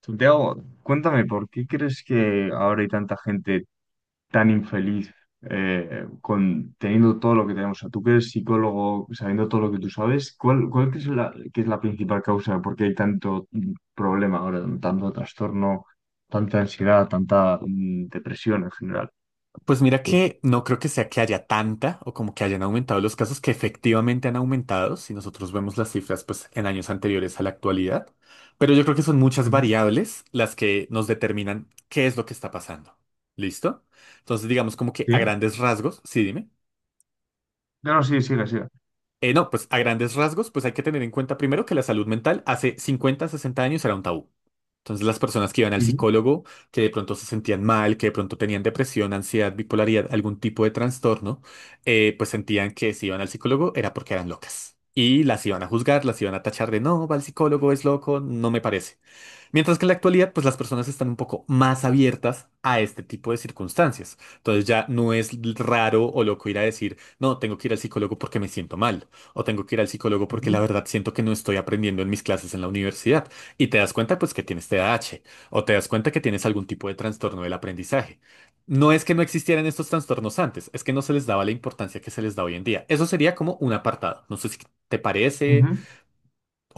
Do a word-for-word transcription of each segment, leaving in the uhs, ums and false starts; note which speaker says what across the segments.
Speaker 1: Santiago, cuéntame, ¿por qué crees que ahora hay tanta gente tan infeliz eh, con, teniendo todo lo que tenemos? O sea, tú que eres psicólogo, sabiendo todo lo que tú sabes, ¿cuál, cuál crees la, que es la principal causa de por qué hay tanto mm, problema ahora, tanto trastorno, tanta ansiedad, tanta mm, depresión en general?
Speaker 2: Pues mira
Speaker 1: Sí.
Speaker 2: que no creo que sea que haya tanta o como que hayan aumentado los casos que efectivamente han aumentado, si nosotros vemos las cifras pues en años anteriores a la actualidad, pero yo creo que son muchas
Speaker 1: Ujú.
Speaker 2: variables las que nos determinan qué es lo que está pasando. ¿Listo? Entonces digamos como que a
Speaker 1: Sí,
Speaker 2: grandes rasgos, sí, dime.
Speaker 1: no, no, sí, sigue, sigue.
Speaker 2: Eh, no, pues a grandes rasgos, pues hay que tener en cuenta primero que la salud mental hace cincuenta, sesenta años era un tabú. Entonces las personas que iban al
Speaker 1: Ujú,
Speaker 2: psicólogo, que de pronto se sentían mal, que de pronto tenían depresión, ansiedad, bipolaridad, algún tipo de trastorno, eh, pues sentían que si iban al psicólogo era porque eran locas. Y las iban a juzgar, las iban a tachar de no, va al psicólogo, es loco, no me parece. Mientras que en la actualidad, pues las personas están un poco más abiertas a este tipo de circunstancias. Entonces ya no es raro o loco ir a decir, no, tengo que ir al psicólogo porque me siento mal, o tengo que ir al psicólogo porque la
Speaker 1: ujú,
Speaker 2: verdad siento que no estoy aprendiendo en mis clases en la universidad. Y te das cuenta, pues, que tienes T D A H, o te das cuenta que tienes algún tipo de trastorno del aprendizaje. No es que no existieran estos trastornos antes, es que no se les daba la importancia que se les da hoy en día. Eso sería como un apartado. No sé si te parece
Speaker 1: ujú.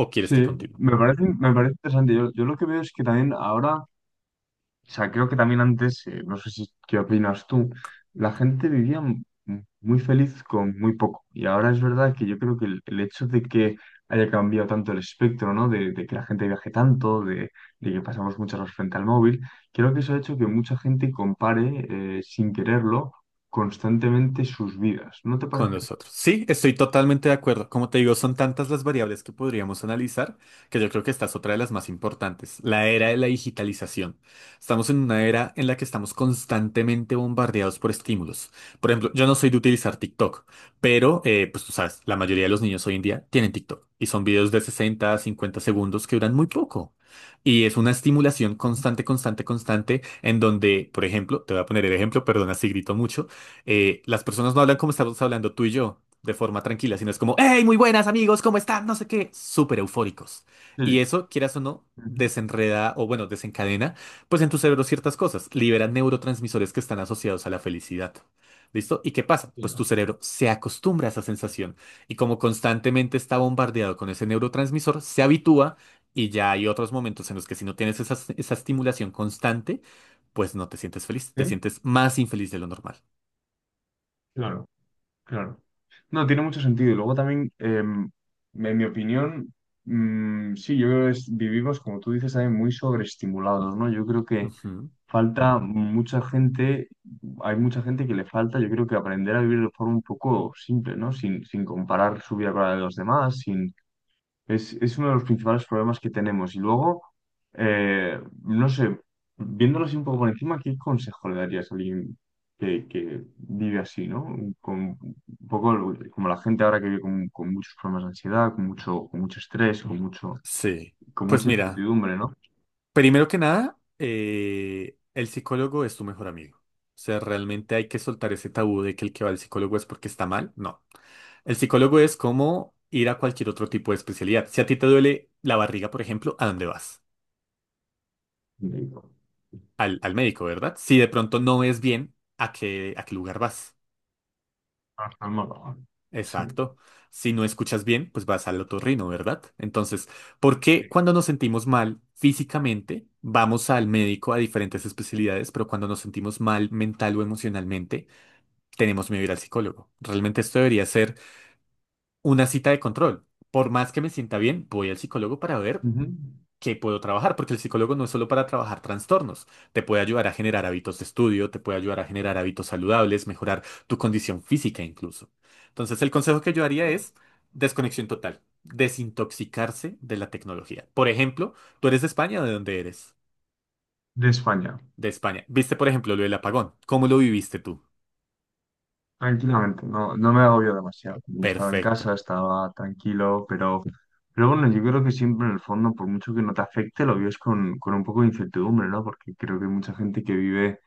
Speaker 2: o quieres
Speaker 1: Sí,
Speaker 2: que continúe.
Speaker 1: me parece, me parece interesante. Yo, yo lo que veo es que también ahora. O sea, creo que también antes, eh, no sé si qué opinas tú, la gente vivía m- m- muy feliz con muy poco. Y ahora es verdad que yo creo que el, el hecho de que haya cambiado tanto el espectro, ¿no? De, de que la gente viaje tanto, de, de que pasamos muchas horas frente al móvil, creo que eso ha hecho que mucha gente compare, eh, sin quererlo, constantemente sus vidas. ¿No te
Speaker 2: Con
Speaker 1: parece?
Speaker 2: nosotros. Sí, estoy totalmente de acuerdo. Como te digo, son tantas las variables que podríamos analizar que yo creo que esta es otra de las más importantes, la era de la digitalización. Estamos en una era en la que estamos constantemente bombardeados por estímulos. Por ejemplo, yo no soy de utilizar TikTok, pero eh, pues tú sabes, la mayoría de los niños hoy en día tienen TikTok y son videos de sesenta a cincuenta segundos que duran muy poco. Y es una estimulación constante, constante, constante, en donde, por ejemplo, te voy a poner el ejemplo, perdona si grito mucho, eh, las personas no hablan como estamos hablando tú y yo, de forma tranquila, sino es como, hey, muy buenas amigos, ¿cómo están? No sé qué, súper eufóricos. Y
Speaker 1: Sí.
Speaker 2: eso, quieras o no,
Speaker 1: Ujú.
Speaker 2: desenreda o bueno, desencadena, pues en tu cerebro ciertas cosas, libera neurotransmisores que están asociados a la felicidad. ¿Listo? ¿Y qué pasa? Pues tu
Speaker 1: Claro.
Speaker 2: cerebro se acostumbra a esa sensación y como constantemente está bombardeado con ese neurotransmisor, se habitúa y ya hay otros momentos en los que si no tienes esa, esa estimulación constante, pues no te sientes feliz, te
Speaker 1: Sí,
Speaker 2: sientes más infeliz de lo normal.
Speaker 1: claro, claro. No, tiene mucho sentido. Y luego también, em, en mi opinión, mm, sí, yo creo que es- vivimos, como tú dices, también muy sobreestimulados, ¿no? Yo creo que
Speaker 2: Ujú,
Speaker 1: falta mucha gente, hay mucha gente que le falta, yo creo que aprender a vivir de forma un poco simple, ¿no? Sin, sin comparar su vida con la de los demás, es, es uno de los principales problemas que tenemos. Y luego, eh, no sé, viéndolo así un poco por encima, ¿qué consejo le darías a alguien que, que vive así, ¿no? Con un poco lo- como la gente ahora que vive con, con muchos problemas de ansiedad, con mucho, con mucho estrés, con mucho,
Speaker 2: sí.
Speaker 1: con
Speaker 2: Pues
Speaker 1: mucha
Speaker 2: mira,
Speaker 1: incertidumbre, ¿no?
Speaker 2: primero que nada, eh, el psicólogo es tu mejor amigo. O sea, realmente hay que soltar ese tabú de que el que va al psicólogo es porque está mal. No. El psicólogo es como ir a cualquier otro tipo de especialidad. Si a ti te duele la barriga, por ejemplo, ¿a dónde vas? Al, al médico, ¿verdad? Si de pronto no ves bien, ¿a qué, a qué lugar vas?
Speaker 1: Para calmarlo, ¿no? Sí.
Speaker 2: Exacto. Si no escuchas bien, pues vas al otorrino, ¿verdad? Entonces, ¿por qué
Speaker 1: Sí.
Speaker 2: cuando nos sentimos mal físicamente vamos al médico a diferentes especialidades, pero cuando nos sentimos mal mental o emocionalmente tenemos miedo a ir al psicólogo? Realmente esto debería ser una cita de control. Por más que me sienta bien, voy al psicólogo para ver
Speaker 1: Ujú.
Speaker 2: que puedo trabajar, porque el psicólogo no es solo para trabajar trastornos, te puede ayudar a generar hábitos de estudio, te puede ayudar a generar hábitos saludables, mejorar tu condición física incluso. Entonces, el consejo que yo haría es desconexión total, desintoxicarse de la tecnología. Por ejemplo, ¿tú eres de España o de dónde eres?
Speaker 1: De España.
Speaker 2: De España. ¿Viste, por ejemplo, lo del apagón? ¿Cómo lo viviste tú?
Speaker 1: Tranquilamente, no, no me agobio demasiado. Yo estaba en
Speaker 2: Perfecto.
Speaker 1: casa, estaba tranquilo, pero, pero bueno, yo creo que siempre en el fondo, por mucho que no te afecte, lo vives con, con un poco de incertidumbre, ¿no? Porque creo que hay mucha gente que vive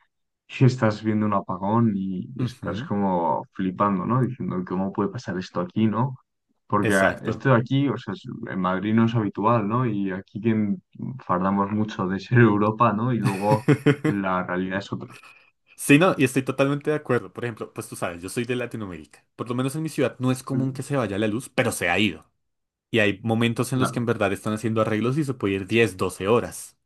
Speaker 1: y estás viendo un apagón y, y estás
Speaker 2: Ujú,
Speaker 1: como flipando, ¿no? Diciendo, ¿cómo puede pasar esto aquí, ¿no? Porque ah,
Speaker 2: exacto.
Speaker 1: esto de aquí, o sea, es- en Madrid no es habitual, ¿no? Y aquí que en- fardamos mucho de ser Europa, ¿no? Y luego la realidad es otra.
Speaker 2: Sí, no, y estoy totalmente de acuerdo. Por ejemplo, pues tú sabes, yo soy de Latinoamérica. Por lo menos en mi ciudad no es
Speaker 1: Ujú.
Speaker 2: común que se vaya la luz, pero se ha ido. Y hay momentos en los que
Speaker 1: Claro.
Speaker 2: en verdad están haciendo arreglos y se puede ir diez, doce horas.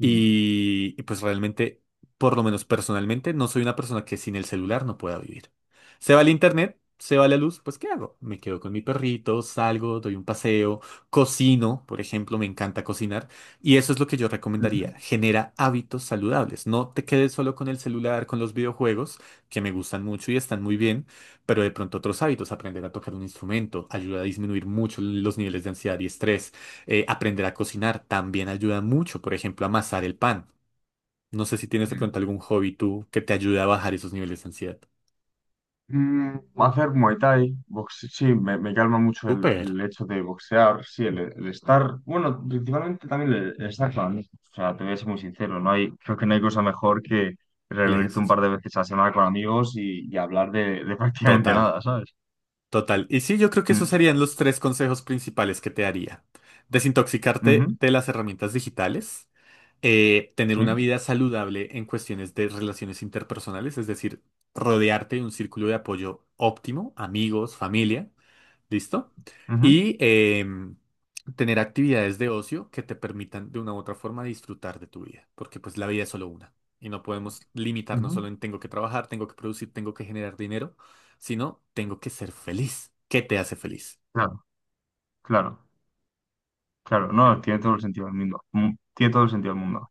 Speaker 1: Mm.
Speaker 2: Y, y pues realmente, por lo menos personalmente, no soy una persona que sin el celular no pueda vivir. Se va el internet, se va la luz, pues ¿qué hago? Me quedo con mi perrito, salgo, doy un paseo, cocino, por ejemplo, me encanta cocinar. Y eso es lo que yo recomendaría.
Speaker 1: Ujú.
Speaker 2: Genera hábitos saludables. No te quedes solo con el celular, con los videojuegos, que me gustan mucho y están muy bien, pero de pronto otros hábitos, aprender a tocar un instrumento, ayuda a disminuir mucho los niveles de ansiedad y estrés eh, aprender a cocinar también ayuda mucho, por ejemplo, a amasar el pan. No sé si tienes de pronto
Speaker 1: Mm.
Speaker 2: algún hobby tú que te ayude a bajar esos niveles de ansiedad.
Speaker 1: Mm, hacer Muay Thai, boxe- sí, me, me calma mucho el,
Speaker 2: Súper,
Speaker 1: el hecho de boxear, sí, el, el estar, bueno, principalmente también el, el estar con amigos, o sea, te voy a ser muy sincero, no hay, creo que no hay cosa mejor que
Speaker 2: el
Speaker 1: reunirse un
Speaker 2: ejercicio.
Speaker 1: par de veces a la semana con amigos y, y hablar de, de prácticamente
Speaker 2: Total,
Speaker 1: nada, ¿sabes?
Speaker 2: total. Y sí, yo creo que esos
Speaker 1: Mm,
Speaker 2: serían los tres consejos principales que te daría. Desintoxicarte
Speaker 1: ujú,
Speaker 2: de las herramientas digitales, eh, tener
Speaker 1: sí,
Speaker 2: una vida saludable en cuestiones de relaciones interpersonales, es decir, rodearte de un círculo de apoyo óptimo, amigos, familia. ¿Listo?
Speaker 1: ujú,
Speaker 2: Y em, tener actividades de ocio que te permitan de una u otra forma disfrutar de tu vida, porque pues la vida es solo una y no podemos limitarnos
Speaker 1: ujú,
Speaker 2: solo en tengo que trabajar, tengo que producir, tengo que generar dinero, sino tengo que ser feliz. ¿Qué te hace feliz?
Speaker 1: claro, claro, claro, no, tiene todo el sentido del mundo, mm, tiene todo el sentido del mundo.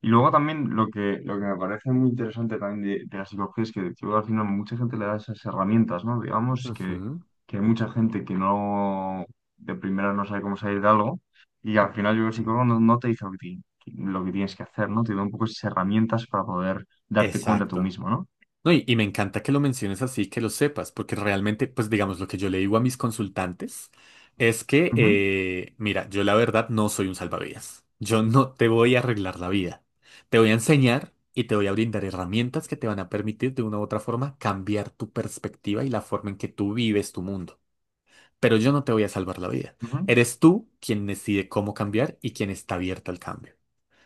Speaker 1: Y luego también lo que, lo que me parece muy interesante también de, de la psicología es que yo, al final mucha gente le da esas herramientas, ¿no? Digamos que,
Speaker 2: Ujú,
Speaker 1: que hay mucha gente que no de primera no sabe cómo salir de algo y al final yo creo que el psicólogo no, no te dice lo que, ti- lo que tienes que hacer, ¿no? Te da un poco esas herramientas para poder darte cuenta tú
Speaker 2: exacto.
Speaker 1: mismo, ¿no?
Speaker 2: No, y, y me encanta que lo menciones así, que lo sepas, porque realmente, pues digamos, lo que yo le digo a mis consultantes es que,
Speaker 1: Ujú,
Speaker 2: eh, mira, yo la verdad no soy un salvavidas. Yo no te voy a arreglar la vida. Te voy a enseñar y te voy a brindar herramientas que te van a permitir de una u otra forma cambiar tu perspectiva y la forma en que tú vives tu mundo. Pero yo no te voy a salvar la vida.
Speaker 1: ujú,
Speaker 2: Eres tú quien decide cómo cambiar y quien está abierta al cambio.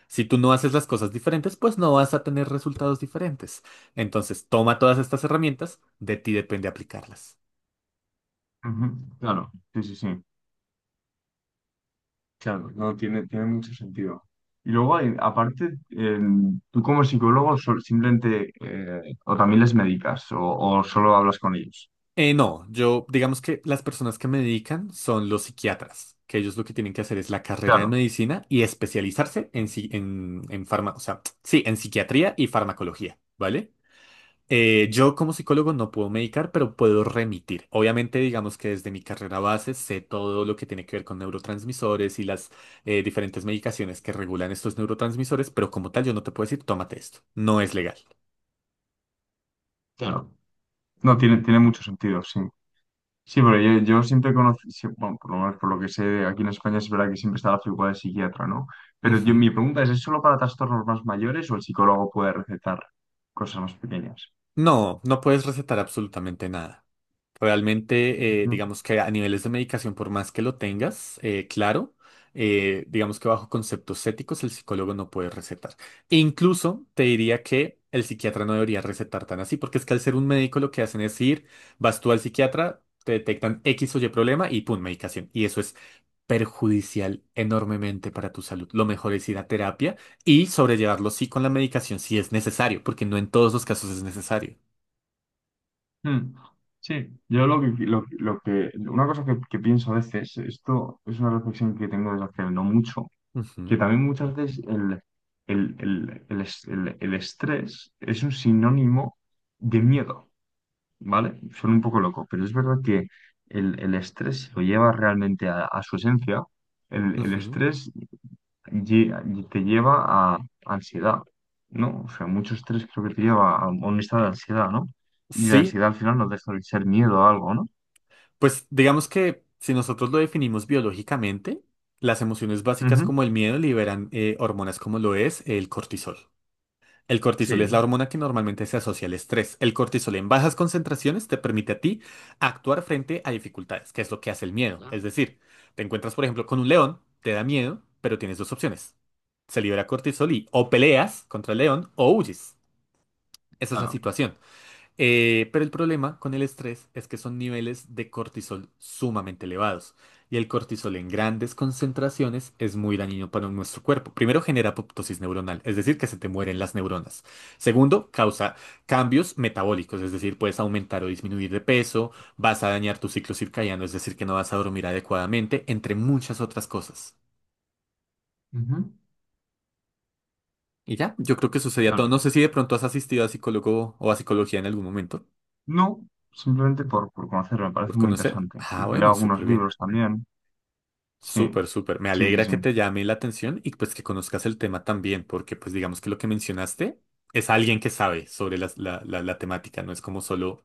Speaker 2: Si tú no haces las cosas diferentes, pues no vas a tener resultados diferentes. Entonces, toma todas estas herramientas, de ti depende aplicarlas.
Speaker 1: ujú. Claro, sí, sí, sí. Claro, no tiene, tiene mucho sentido. Y luego, hay- aparte, eh, tú como psicólogo sol- simplemente eh, o también les medicas o, o solo hablas con ellos.
Speaker 2: Eh, no, yo digamos que las personas que me dedican son los psiquiatras, que ellos lo que tienen que hacer es la carrera de
Speaker 1: Claro,
Speaker 2: medicina y especializarse en, si- en, en farma- o sea, sí, en psiquiatría y farmacología, ¿vale? Eh, yo como psicólogo no puedo medicar, pero puedo remitir. Obviamente, digamos que desde mi carrera base sé todo lo que tiene que ver con neurotransmisores y las eh, diferentes medicaciones que regulan estos neurotransmisores, pero como tal yo no te puedo decir, tómate esto. No es legal.
Speaker 1: claro. No, tiene, tiene mucho sentido, sí. Sí, pero yo, yo siempre conocí, sí, bueno, por lo menos por lo que sé, aquí en España es verdad que siempre está la figura de psiquiatra, ¿no? Pero yo,
Speaker 2: Ujú.
Speaker 1: mi pregunta es, ¿es solo para trastornos más mayores o el psicólogo puede recetar cosas más pequeñas?
Speaker 2: No, no puedes recetar absolutamente nada. Realmente, eh, digamos que a niveles de medicación, por más que lo tengas, eh, claro, eh, digamos que bajo conceptos éticos el psicólogo no puede recetar. E incluso te diría que el psiquiatra no debería recetar tan así, porque es que al ser un médico lo que hacen es ir, vas tú al psiquiatra, te detectan X o Y problema y pum, medicación. Y eso es perjudicial enormemente para tu salud. Lo mejor es ir a terapia y sobrellevarlo sí con la medicación si es necesario, porque no en todos los casos es necesario.
Speaker 1: Mm, sí, yo lo que, lo, lo que, una cosa que, que pienso a veces, esto es una reflexión que tengo desde hace no mucho, que
Speaker 2: Ujú,
Speaker 1: también muchas veces el, el, el, el, es- el- el estrés es un sinónimo de miedo, ¿vale? Suena un poco loco, pero es verdad que el, el estrés, si lo lleva realmente a, a su esencia, el, el
Speaker 2: ujú.
Speaker 1: estrés lle- y te lleva a ansiedad, ¿no? O sea, mucho estrés creo que te lleva a un estado de ansiedad, ¿no? Y la
Speaker 2: Sí,
Speaker 1: ansiedad al final nos deja de ser miedo a algo, ¿no?
Speaker 2: pues digamos que si nosotros lo definimos biológicamente, las emociones básicas
Speaker 1: Ujú.
Speaker 2: como el miedo liberan eh, hormonas como lo es el cortisol. El cortisol es
Speaker 1: Sí.
Speaker 2: la hormona que normalmente se asocia al estrés. El cortisol en bajas concentraciones te permite a ti actuar frente a dificultades, que es lo que hace el miedo. Es decir, te encuentras, por ejemplo, con un león, te da miedo, pero tienes dos opciones. Se libera cortisol y o peleas contra el león o huyes. Esa es la
Speaker 1: Claro.
Speaker 2: situación. Eh, pero el problema con el estrés es que son niveles de cortisol sumamente elevados y el cortisol en grandes concentraciones es muy dañino para nuestro cuerpo. Primero, genera apoptosis neuronal, es decir, que se te mueren las neuronas. Segundo, causa cambios metabólicos, es decir, puedes aumentar o disminuir de peso, vas a dañar tu ciclo circadiano, es decir, que no vas a dormir adecuadamente, entre muchas otras cosas.
Speaker 1: Ujú.
Speaker 2: Y ya, yo creo que sucedía todo.
Speaker 1: Claro.
Speaker 2: No sé si de pronto has asistido a psicólogo o a psicología en algún momento
Speaker 1: No, simplemente por, por conocerlo, me
Speaker 2: por
Speaker 1: parece muy
Speaker 2: conocer.
Speaker 1: interesante.
Speaker 2: Ah,
Speaker 1: Y leo
Speaker 2: bueno,
Speaker 1: algunos
Speaker 2: súper bien.
Speaker 1: libros también. Sí,
Speaker 2: Súper, súper. Me
Speaker 1: sí, sí,
Speaker 2: alegra
Speaker 1: sí.
Speaker 2: que te llame la atención y pues que conozcas el tema también, porque pues digamos que lo que mencionaste es alguien que sabe sobre las- la, la, la temática, no es como solo…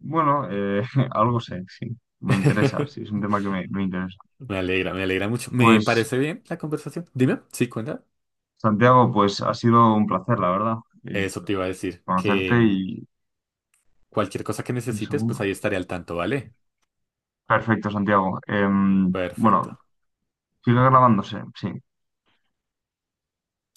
Speaker 1: Bueno, eh, algo sé, sí. Me interesa, sí, es un tema que me, me interesa.
Speaker 2: Me alegra, me alegra mucho. Me
Speaker 1: Pues,
Speaker 2: parece bien la conversación. Dime, ¿sí cuenta?
Speaker 1: Santiago, pues ha sido un placer, la verdad, eh,
Speaker 2: Eso te iba a decir, que
Speaker 1: conocerte
Speaker 2: mm,
Speaker 1: y,
Speaker 2: cualquier cosa que
Speaker 1: y eso.
Speaker 2: necesites, pues ahí estaré al tanto, ¿vale?
Speaker 1: Perfecto, Santiago. Em, bueno,
Speaker 2: Perfecto.
Speaker 1: sigue grabándose, sí.